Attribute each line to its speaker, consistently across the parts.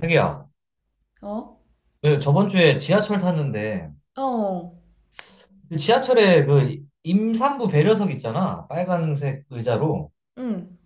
Speaker 1: 자기야,
Speaker 2: 어?
Speaker 1: 그 저번 주에 지하철 탔는데,
Speaker 2: 어,
Speaker 1: 그 지하철에 그 임산부 배려석 있잖아. 빨간색 의자로.
Speaker 2: 응.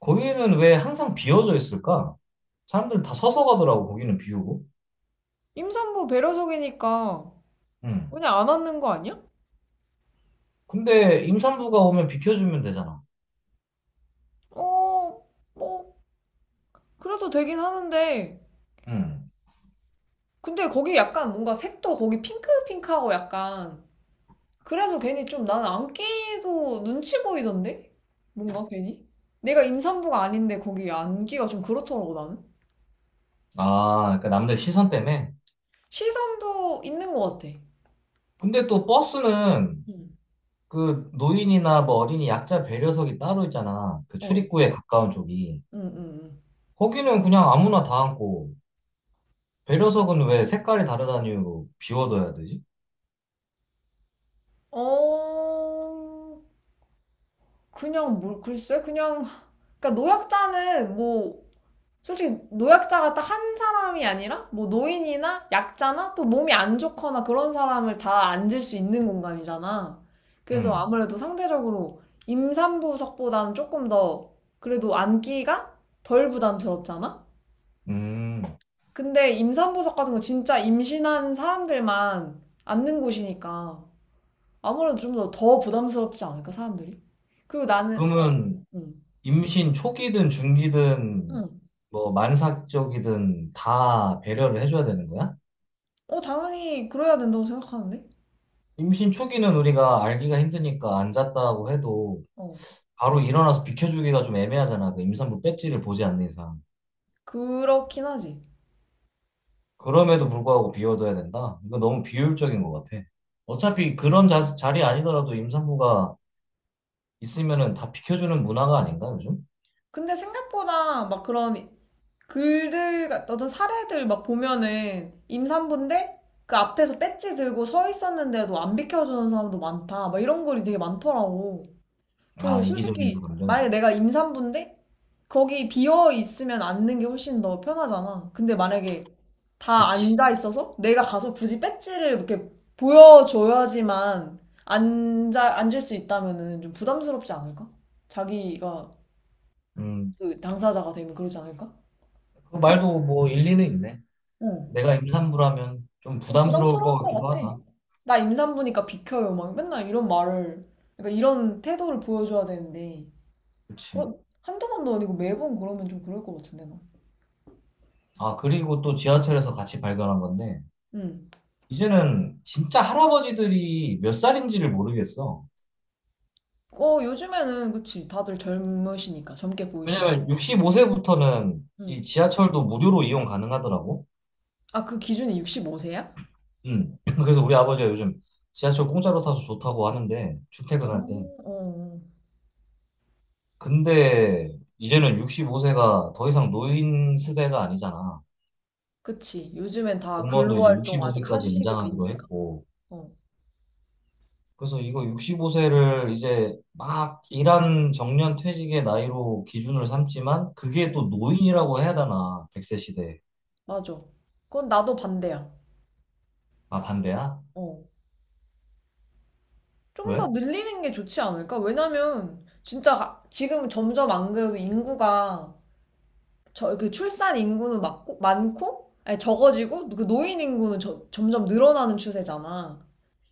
Speaker 1: 거기는 왜 항상 비어져 있을까? 사람들 다 서서 가더라고, 거기는 비우고.
Speaker 2: 임산부 배려석이니까
Speaker 1: 응.
Speaker 2: 그냥 안 앉는 거 아니야?
Speaker 1: 근데 임산부가 오면 비켜주면 되잖아.
Speaker 2: 어, 뭐, 그래도 되긴 하는데.
Speaker 1: 응.
Speaker 2: 근데 거기 약간 뭔가 색도 거기 핑크핑크하고 약간. 그래서 괜히 좀 나는 앉기도 눈치 보이던데? 뭔가 괜히? 내가 임산부가 아닌데 거기 앉기가 좀 그렇더라고 나는.
Speaker 1: 아, 그러니까 남들 시선 때문에.
Speaker 2: 시선도 있는 것 같아.
Speaker 1: 근데 또 버스는
Speaker 2: 응,
Speaker 1: 그 노인이나 뭐 어린이 약자 배려석이 따로 있잖아. 그
Speaker 2: 어,
Speaker 1: 출입구에 가까운 쪽이.
Speaker 2: 응, 응, 응.
Speaker 1: 거기는 그냥 아무나 다 앉고. 배려석은 왜 색깔이 다르다는 이유로 비워둬야 되지?
Speaker 2: 어, 그냥 뭘, 글쎄, 그냥. 그러니까 노약자는 뭐 솔직히 노약자가 딱 한 사람이 아니라 뭐 노인이나 약자나 또 몸이 안 좋거나 그런 사람을 다 앉을 수 있는 공간이잖아. 그래서
Speaker 1: 응.
Speaker 2: 아무래도 상대적으로 임산부석보다는 조금 더 그래도 앉기가 덜 부담스럽잖아?
Speaker 1: 음.
Speaker 2: 근데 임산부석 같은 거 진짜 임신한 사람들만 앉는 곳이니까 아무래도 좀 더 부담스럽지 않을까, 사람들이? 그리고 나는, 아,
Speaker 1: 그러면
Speaker 2: 응,
Speaker 1: 임신 초기든 중기든
Speaker 2: 응.
Speaker 1: 뭐 만삭적이든 다 배려를 해줘야 되는 거야?
Speaker 2: 어, 당연히 그래야 된다고 생각하는데?
Speaker 1: 임신 초기는 우리가 알기가 힘드니까 앉았다고 해도
Speaker 2: 어,
Speaker 1: 바로 일어나서 비켜주기가 좀 애매하잖아. 그 임산부 배지를 보지 않는 이상.
Speaker 2: 그렇긴 하지.
Speaker 1: 그럼에도 불구하고 비워둬야 된다? 이거 너무 비효율적인 것 같아. 어차피 그런 자리 아니더라도 임산부가 있으면은 다 비켜주는 문화가 아닌가, 요즘?
Speaker 2: 근데 생각보다 막 그런 글들, 어떤 사례들 막 보면은 임산부인데 그 앞에서 배지 들고 서 있었는데도 안 비켜주는 사람도 많다. 막 이런 글이 되게 많더라고. 그래서
Speaker 1: 아, 이기적인
Speaker 2: 솔직히 만약에
Speaker 1: 사람들.
Speaker 2: 내가 임산부인데 거기 비어 있으면 앉는 게 훨씬 더 편하잖아. 근데 만약에 다
Speaker 1: 그치.
Speaker 2: 앉아 있어서 내가 가서 굳이 배지를 이렇게 보여줘야지만 앉을 수 있다면은 좀 부담스럽지 않을까? 자기가
Speaker 1: 음,
Speaker 2: 그 당사자가 되면 그러지 않을까?
Speaker 1: 그 말도 뭐 일리는 있네.
Speaker 2: 응.
Speaker 1: 내가 임산부라면 좀
Speaker 2: 좀
Speaker 1: 부담스러울
Speaker 2: 부담스러울
Speaker 1: 것
Speaker 2: 것
Speaker 1: 같기도
Speaker 2: 같아.
Speaker 1: 하다.
Speaker 2: 나 임산부니까 비켜요. 막 맨날 이런 말을, 그러니까 이런 태도를 보여줘야 되는데,
Speaker 1: 그치.
Speaker 2: 그런, 한두 번도 아니고 매번 그러면 좀 그럴 것 같은데, 나.
Speaker 1: 아, 그리고 또 지하철에서 같이 발견한 건데,
Speaker 2: 응.
Speaker 1: 이제는 진짜 할아버지들이 몇 살인지를 모르겠어.
Speaker 2: 어, 요즘에는, 그치. 다들 젊으시니까, 젊게 보이시니까.
Speaker 1: 왜냐면 65세부터는
Speaker 2: 응.
Speaker 1: 이 지하철도 무료로 이용 가능하더라고.
Speaker 2: 아, 그 기준이 65세야?
Speaker 1: 음. 그래서 우리 아버지가 요즘 지하철 공짜로 타서 좋다고 하는데, 출퇴근할 때.
Speaker 2: 음, 어, 어.
Speaker 1: 근데 이제는 65세가 더 이상 노인 세대가 아니잖아.
Speaker 2: 그치. 요즘엔 다
Speaker 1: 공무원도 이제
Speaker 2: 근로활동 아직
Speaker 1: 65세까지
Speaker 2: 하시고
Speaker 1: 연장하기로
Speaker 2: 계니까.
Speaker 1: 했고,
Speaker 2: 어,
Speaker 1: 그래서 이거 65세를 이제 막 일한 정년 퇴직의 나이로 기준을 삼지만, 그게 또 노인이라고 해야 되나, 100세 시대에.
Speaker 2: 맞아. 그건 나도 반대야.
Speaker 1: 아, 반대야?
Speaker 2: 어. 좀
Speaker 1: 왜?
Speaker 2: 더 늘리는 게 좋지 않을까? 왜냐면 진짜 지금 점점 안 그래도 인구가 저 그 출산 인구는 많고 많고 아니 적어지고 그 노인 인구는 점점 늘어나는 추세잖아.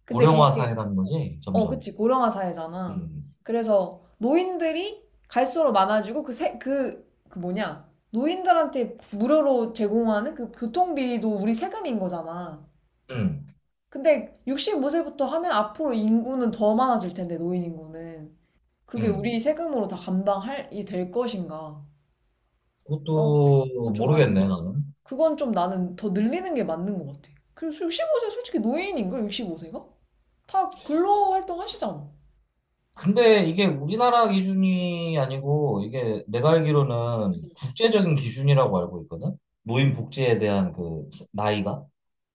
Speaker 2: 근데
Speaker 1: 고령화
Speaker 2: 그렇게
Speaker 1: 사회라는 거지,
Speaker 2: 어
Speaker 1: 점점.
Speaker 2: 그치 고령화 사회잖아.
Speaker 1: 음,
Speaker 2: 그래서 노인들이 갈수록 많아지고 그 세 그 그 뭐냐 노인들한테 무료로 제공하는 그 교통비도 우리 세금인 거잖아.
Speaker 1: 음,
Speaker 2: 근데 65세부터 하면 앞으로 인구는 더 많아질 텐데 노인 인구는. 그게 우리
Speaker 1: 음.
Speaker 2: 세금으로 다 감당할이 될 것인가? 난 그건
Speaker 1: 그것도
Speaker 2: 좀 아닌 것
Speaker 1: 모르겠네,
Speaker 2: 같아.
Speaker 1: 나는.
Speaker 2: 그건 좀 나는 더 늘리는 게 맞는 것 같아. 그래서 65세 솔직히 노인인걸 65세가? 다 근로 활동 하시잖아.
Speaker 1: 근데 이게 우리나라 기준이 아니고, 이게 내가 알기로는 국제적인 기준이라고 알고 있거든? 노인 복지에 대한 그 나이가?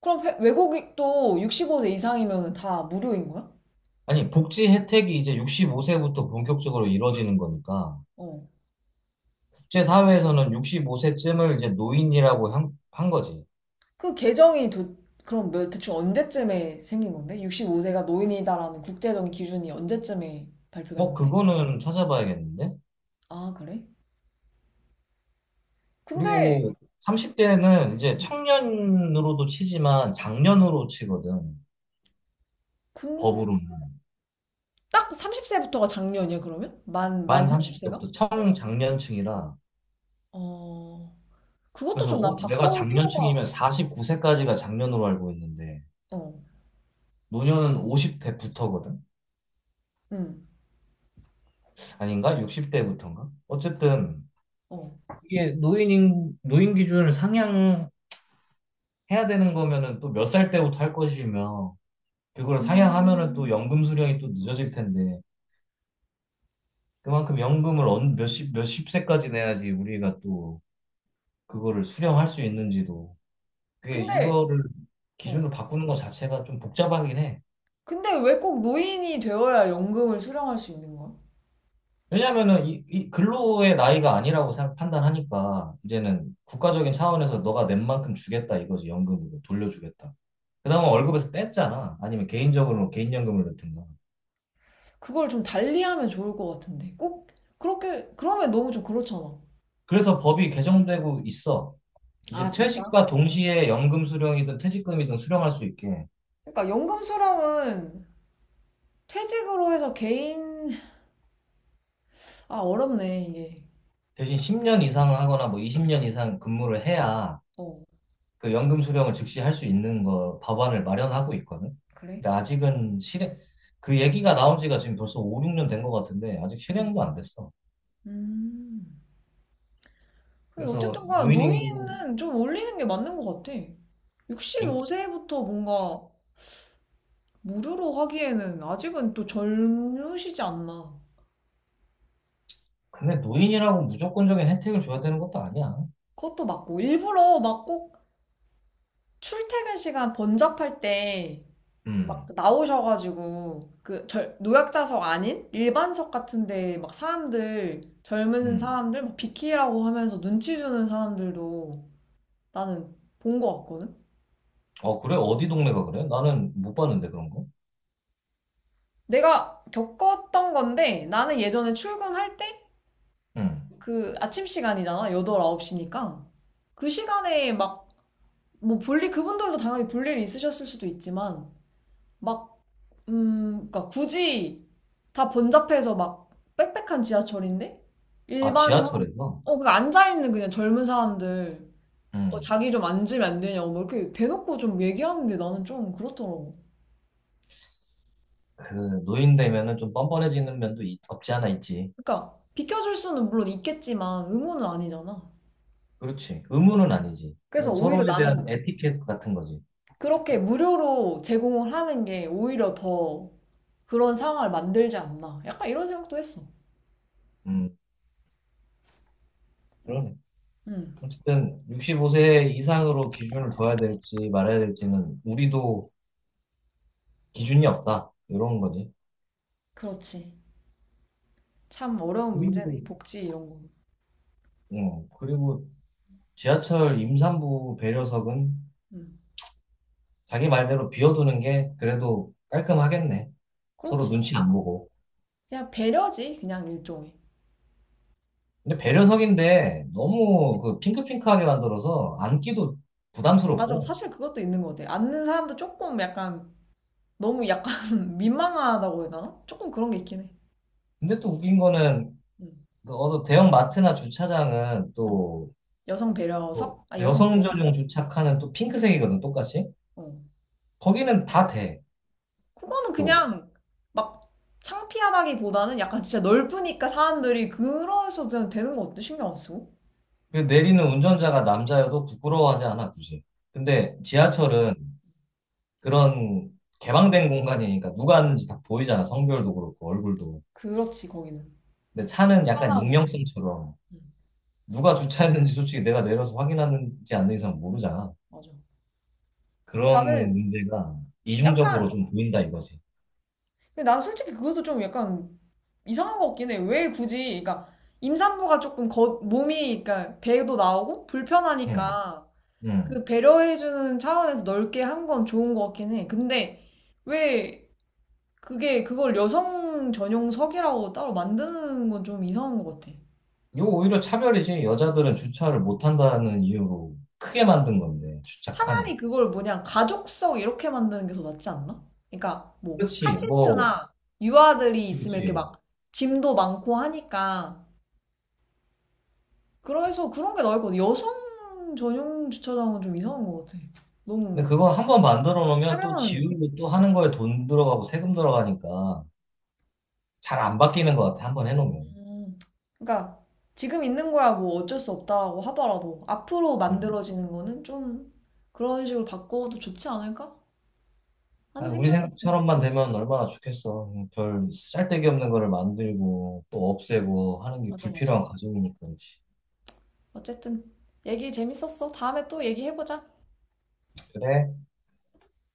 Speaker 2: 그럼 외국도 65세 이상이면 다 무료인 거야?
Speaker 1: 아니, 복지 혜택이 이제 65세부터 본격적으로 이루어지는 거니까,
Speaker 2: 어.
Speaker 1: 국제사회에서는 65세쯤을 이제 노인이라고 한 거지.
Speaker 2: 그 개정이 그럼 대충 언제쯤에 생긴 건데? 65세가 노인이다라는 국제적인 기준이 언제쯤에 발표된
Speaker 1: 어,
Speaker 2: 건데?
Speaker 1: 그거는 찾아봐야겠는데?
Speaker 2: 아, 그래? 근데
Speaker 1: 그리고 30대는 이제
Speaker 2: 음,
Speaker 1: 청년으로도 치지만 장년으로 치거든.
Speaker 2: 근-
Speaker 1: 법으로는.
Speaker 2: 딱 30세부터가 작년이야, 그러면? 만
Speaker 1: 만
Speaker 2: 30세가?
Speaker 1: 30세부터 청장년층이라.
Speaker 2: 어, 그것도
Speaker 1: 그래서
Speaker 2: 좀 난
Speaker 1: 어, 내가
Speaker 2: 바꿀 필요가,
Speaker 1: 장년층이면 49세까지가 장년으로 알고 있는데,
Speaker 2: 어,
Speaker 1: 노년은 50대부터거든?
Speaker 2: 응,
Speaker 1: 아닌가? 60대부터인가? 어쨌든,
Speaker 2: 어.
Speaker 1: 이게 노인 기준을 상향해야 되는 거면은 또 몇 살 때부터 할 것이며 그걸 상향하면은 또
Speaker 2: 음.
Speaker 1: 연금 수령이 또 늦어질 텐데 그만큼 연금을 몇십 몇십 세까지 내야지 우리가 또 그거를 수령할 수 있는지도 그게
Speaker 2: 근데,
Speaker 1: 이거를
Speaker 2: 어.
Speaker 1: 기준을 바꾸는 것 자체가 좀 복잡하긴 해.
Speaker 2: 근데 왜 꼭 노인이 되어야 연금을 수령할 수 있는 거야?
Speaker 1: 왜냐면은 이 근로의 나이가 아니라고 판단하니까 이제는 국가적인 차원에서 너가 낸 만큼 주겠다 이거지 연금으로 돌려주겠다. 그나마 월급에서 뗐잖아. 아니면 개인적으로 개인연금을 넣든가.
Speaker 2: 그걸 좀 달리하면 좋을 것 같은데. 꼭, 그렇게, 그러면 너무 좀 그렇잖아.
Speaker 1: 그래서 법이 개정되고 있어.
Speaker 2: 아,
Speaker 1: 이제
Speaker 2: 진짜?
Speaker 1: 퇴직과 동시에 연금 수령이든 퇴직금이든 수령할 수 있게
Speaker 2: 그러니까 연금 수령은 퇴직으로 해서 개인, 아, 어렵네, 이게.
Speaker 1: 대신 10년 이상 하거나 뭐 20년 이상 근무를 해야
Speaker 2: 어,
Speaker 1: 그 연금 수령을 즉시 할 수 있는 거 법안을 마련하고 있거든.
Speaker 2: 그래?
Speaker 1: 근데 아직은
Speaker 2: 응,
Speaker 1: 실행 그 얘기가 나온 지가 지금 벌써 5, 6년 된 것 같은데 아직
Speaker 2: 응.
Speaker 1: 실행도 안 됐어.
Speaker 2: 음. 그래,
Speaker 1: 그래서
Speaker 2: 어쨌든 간
Speaker 1: 노인 인구
Speaker 2: 노인은 좀 올리는 게 맞는 것 같아.
Speaker 1: 인-
Speaker 2: 65세부터 뭔가 무료로 하기에는 아직은 또 젊으시지 않나.
Speaker 1: 근데 노인이라고 무조건적인 혜택을 줘야 되는 것도 아니야.
Speaker 2: 그것도 맞고. 일부러 막 꼭 출퇴근 시간 번잡할 때 막
Speaker 1: 음.
Speaker 2: 나오셔가지고 그 노약자석 아닌 일반석 같은데 막 사람들 젊은
Speaker 1: 음.
Speaker 2: 사람들 막 비키라고 하면서 눈치 주는 사람들도 나는 본 것 같거든.
Speaker 1: 어, 그래? 어디 동네가 그래? 나는 못 봤는데, 그런 거.
Speaker 2: 내가 겪었던 건데 나는 예전에 출근할 때
Speaker 1: 응.
Speaker 2: 그 아침 시간이잖아. 8, 9시니까. 그 시간에 막, 뭐 볼일, 그분들도 당연히 볼일이 있으셨을 수도 있지만, 막, 그니까 굳이 다 번잡해서 막 빽빽한 지하철인데?
Speaker 1: 아,
Speaker 2: 일반 사람,
Speaker 1: 지하철에서?
Speaker 2: 어, 그 앉아있는 그냥 젊은 사람들, 어,
Speaker 1: 응.
Speaker 2: 자기 좀 앉으면 안 되냐고, 뭐 이렇게 대놓고 좀 얘기하는데 나는 좀 그렇더라고.
Speaker 1: 그, 노인 되면은 좀 뻔뻔해지는 면도 없지 않아 있지.
Speaker 2: 그니까, 러 비켜줄 수는 물론 있겠지만, 의무는 아니잖아.
Speaker 1: 그렇지. 의무는 아니지.
Speaker 2: 그래서
Speaker 1: 그냥
Speaker 2: 오히려
Speaker 1: 서로에 대한
Speaker 2: 나는
Speaker 1: 에티켓 같은 거지.
Speaker 2: 그렇게 무료로 제공을 하는 게 오히려 더 그런 상황을 만들지 않나. 약간 이런 생각도 했어.
Speaker 1: 음, 그러네.
Speaker 2: 음,
Speaker 1: 어쨌든, 65세 이상으로 기준을 둬야 될지 말아야 될지는 우리도 기준이 없다. 이런 거지.
Speaker 2: 그렇지. 참 어려운 문제네.
Speaker 1: 그리고,
Speaker 2: 복지 이런 거.
Speaker 1: 응. 그리고 지하철 임산부 배려석은
Speaker 2: 음,
Speaker 1: 자기 말대로 비워두는 게 그래도 깔끔하겠네. 서로
Speaker 2: 그렇지.
Speaker 1: 눈치 안 보고.
Speaker 2: 그냥 배려지. 그냥 일종의.
Speaker 1: 근데 배려석인데 너무 그 핑크핑크하게 만들어서 앉기도
Speaker 2: 맞아.
Speaker 1: 부담스럽고.
Speaker 2: 사실 그것도 있는 것 같아. 앉는 사람도 조금 약간 너무 약간 민망하다고 해야 되나? 조금 그런 게 있긴 해.
Speaker 1: 근데 또 웃긴 거는
Speaker 2: 음,
Speaker 1: 그 어느 대형 마트나 주차장은
Speaker 2: 음.
Speaker 1: 또
Speaker 2: 여성
Speaker 1: 또
Speaker 2: 배려석? 아, 여성
Speaker 1: 여성
Speaker 2: 배려?
Speaker 1: 전용 주차칸은 또 핑크색이거든, 똑같이.
Speaker 2: 어.
Speaker 1: 거기는 다 돼,
Speaker 2: 그거는
Speaker 1: 또.
Speaker 2: 그냥 막 창피하다기보다는 약간 진짜 넓으니까 사람들이 그래서 그냥 되는 것 같아. 신경 안 쓰고.
Speaker 1: 그 내리는 운전자가 남자여도 부끄러워하지 않아, 굳이. 근데
Speaker 2: 맞아.
Speaker 1: 지하철은 그런 개방된 공간이니까 누가 하는지 다 보이잖아, 성별도 그렇고, 얼굴도.
Speaker 2: 그렇지, 거기는.
Speaker 1: 근데 차는 약간
Speaker 2: 하나고.
Speaker 1: 익명성처럼
Speaker 2: 음.
Speaker 1: 누가 주차했는지 솔직히 내가 내려서 확인하는지 않는 이상 모르잖아.
Speaker 2: 맞아. 근데
Speaker 1: 그런
Speaker 2: 나는
Speaker 1: 문제가 이중적으로
Speaker 2: 약간,
Speaker 1: 좀 보인다 이거지.
Speaker 2: 근데 난 솔직히 그것도 좀 약간 이상한 것 같긴 해. 왜 굳이, 그러니까 임산부가 조금 거, 몸이, 그러니까 배도 나오고
Speaker 1: 응,
Speaker 2: 불편하니까 그
Speaker 1: 응.
Speaker 2: 배려해주는 차원에서 넓게 한 건 좋은 것 같긴 해. 근데 왜 그게 그걸 여성 전용석이라고 따로 만드는 건 좀 이상한 것 같아.
Speaker 1: 이거 오히려 차별이지. 여자들은 주차를 못한다는 이유로 크게 만든 건데, 주차 칸을.
Speaker 2: 차라리 그걸 뭐냐, 가족석 이렇게 만드는 게 더 낫지 않나? 그러니까 뭐
Speaker 1: 그렇지, 뭐,
Speaker 2: 카시트나 유아들이 있으면 이렇게
Speaker 1: 그렇지.
Speaker 2: 막 짐도 많고 하니까 그래서 그런 게 나을 것 같아. 여성 전용 주차장은 좀 이상한 것 같아.
Speaker 1: 근데
Speaker 2: 너무
Speaker 1: 그거 한번 만들어 놓으면 또
Speaker 2: 차별하는 느낌?
Speaker 1: 지우고 또 하는 거에 돈 들어가고 세금 들어가니까 잘 안 바뀌는 것 같아, 한번 해놓으면.
Speaker 2: 음, 그러니까 지금 있는 거야 뭐 어쩔 수 없다고 하더라도 앞으로
Speaker 1: 음.
Speaker 2: 만들어지는 거는 좀 그런 식으로 바꿔도 좋지 않을까 하는
Speaker 1: 아, 우리
Speaker 2: 생각이 있어.
Speaker 1: 생각처럼만 되면 얼마나 좋겠어. 별 쓸데기 없는 거를 만들고 또 없애고 하는 게
Speaker 2: 맞아, 맞아.
Speaker 1: 불필요한 과정이니까, 그렇지.
Speaker 2: 어쨌든 얘기 재밌었어. 다음에 또 얘기해보자.
Speaker 1: 그래?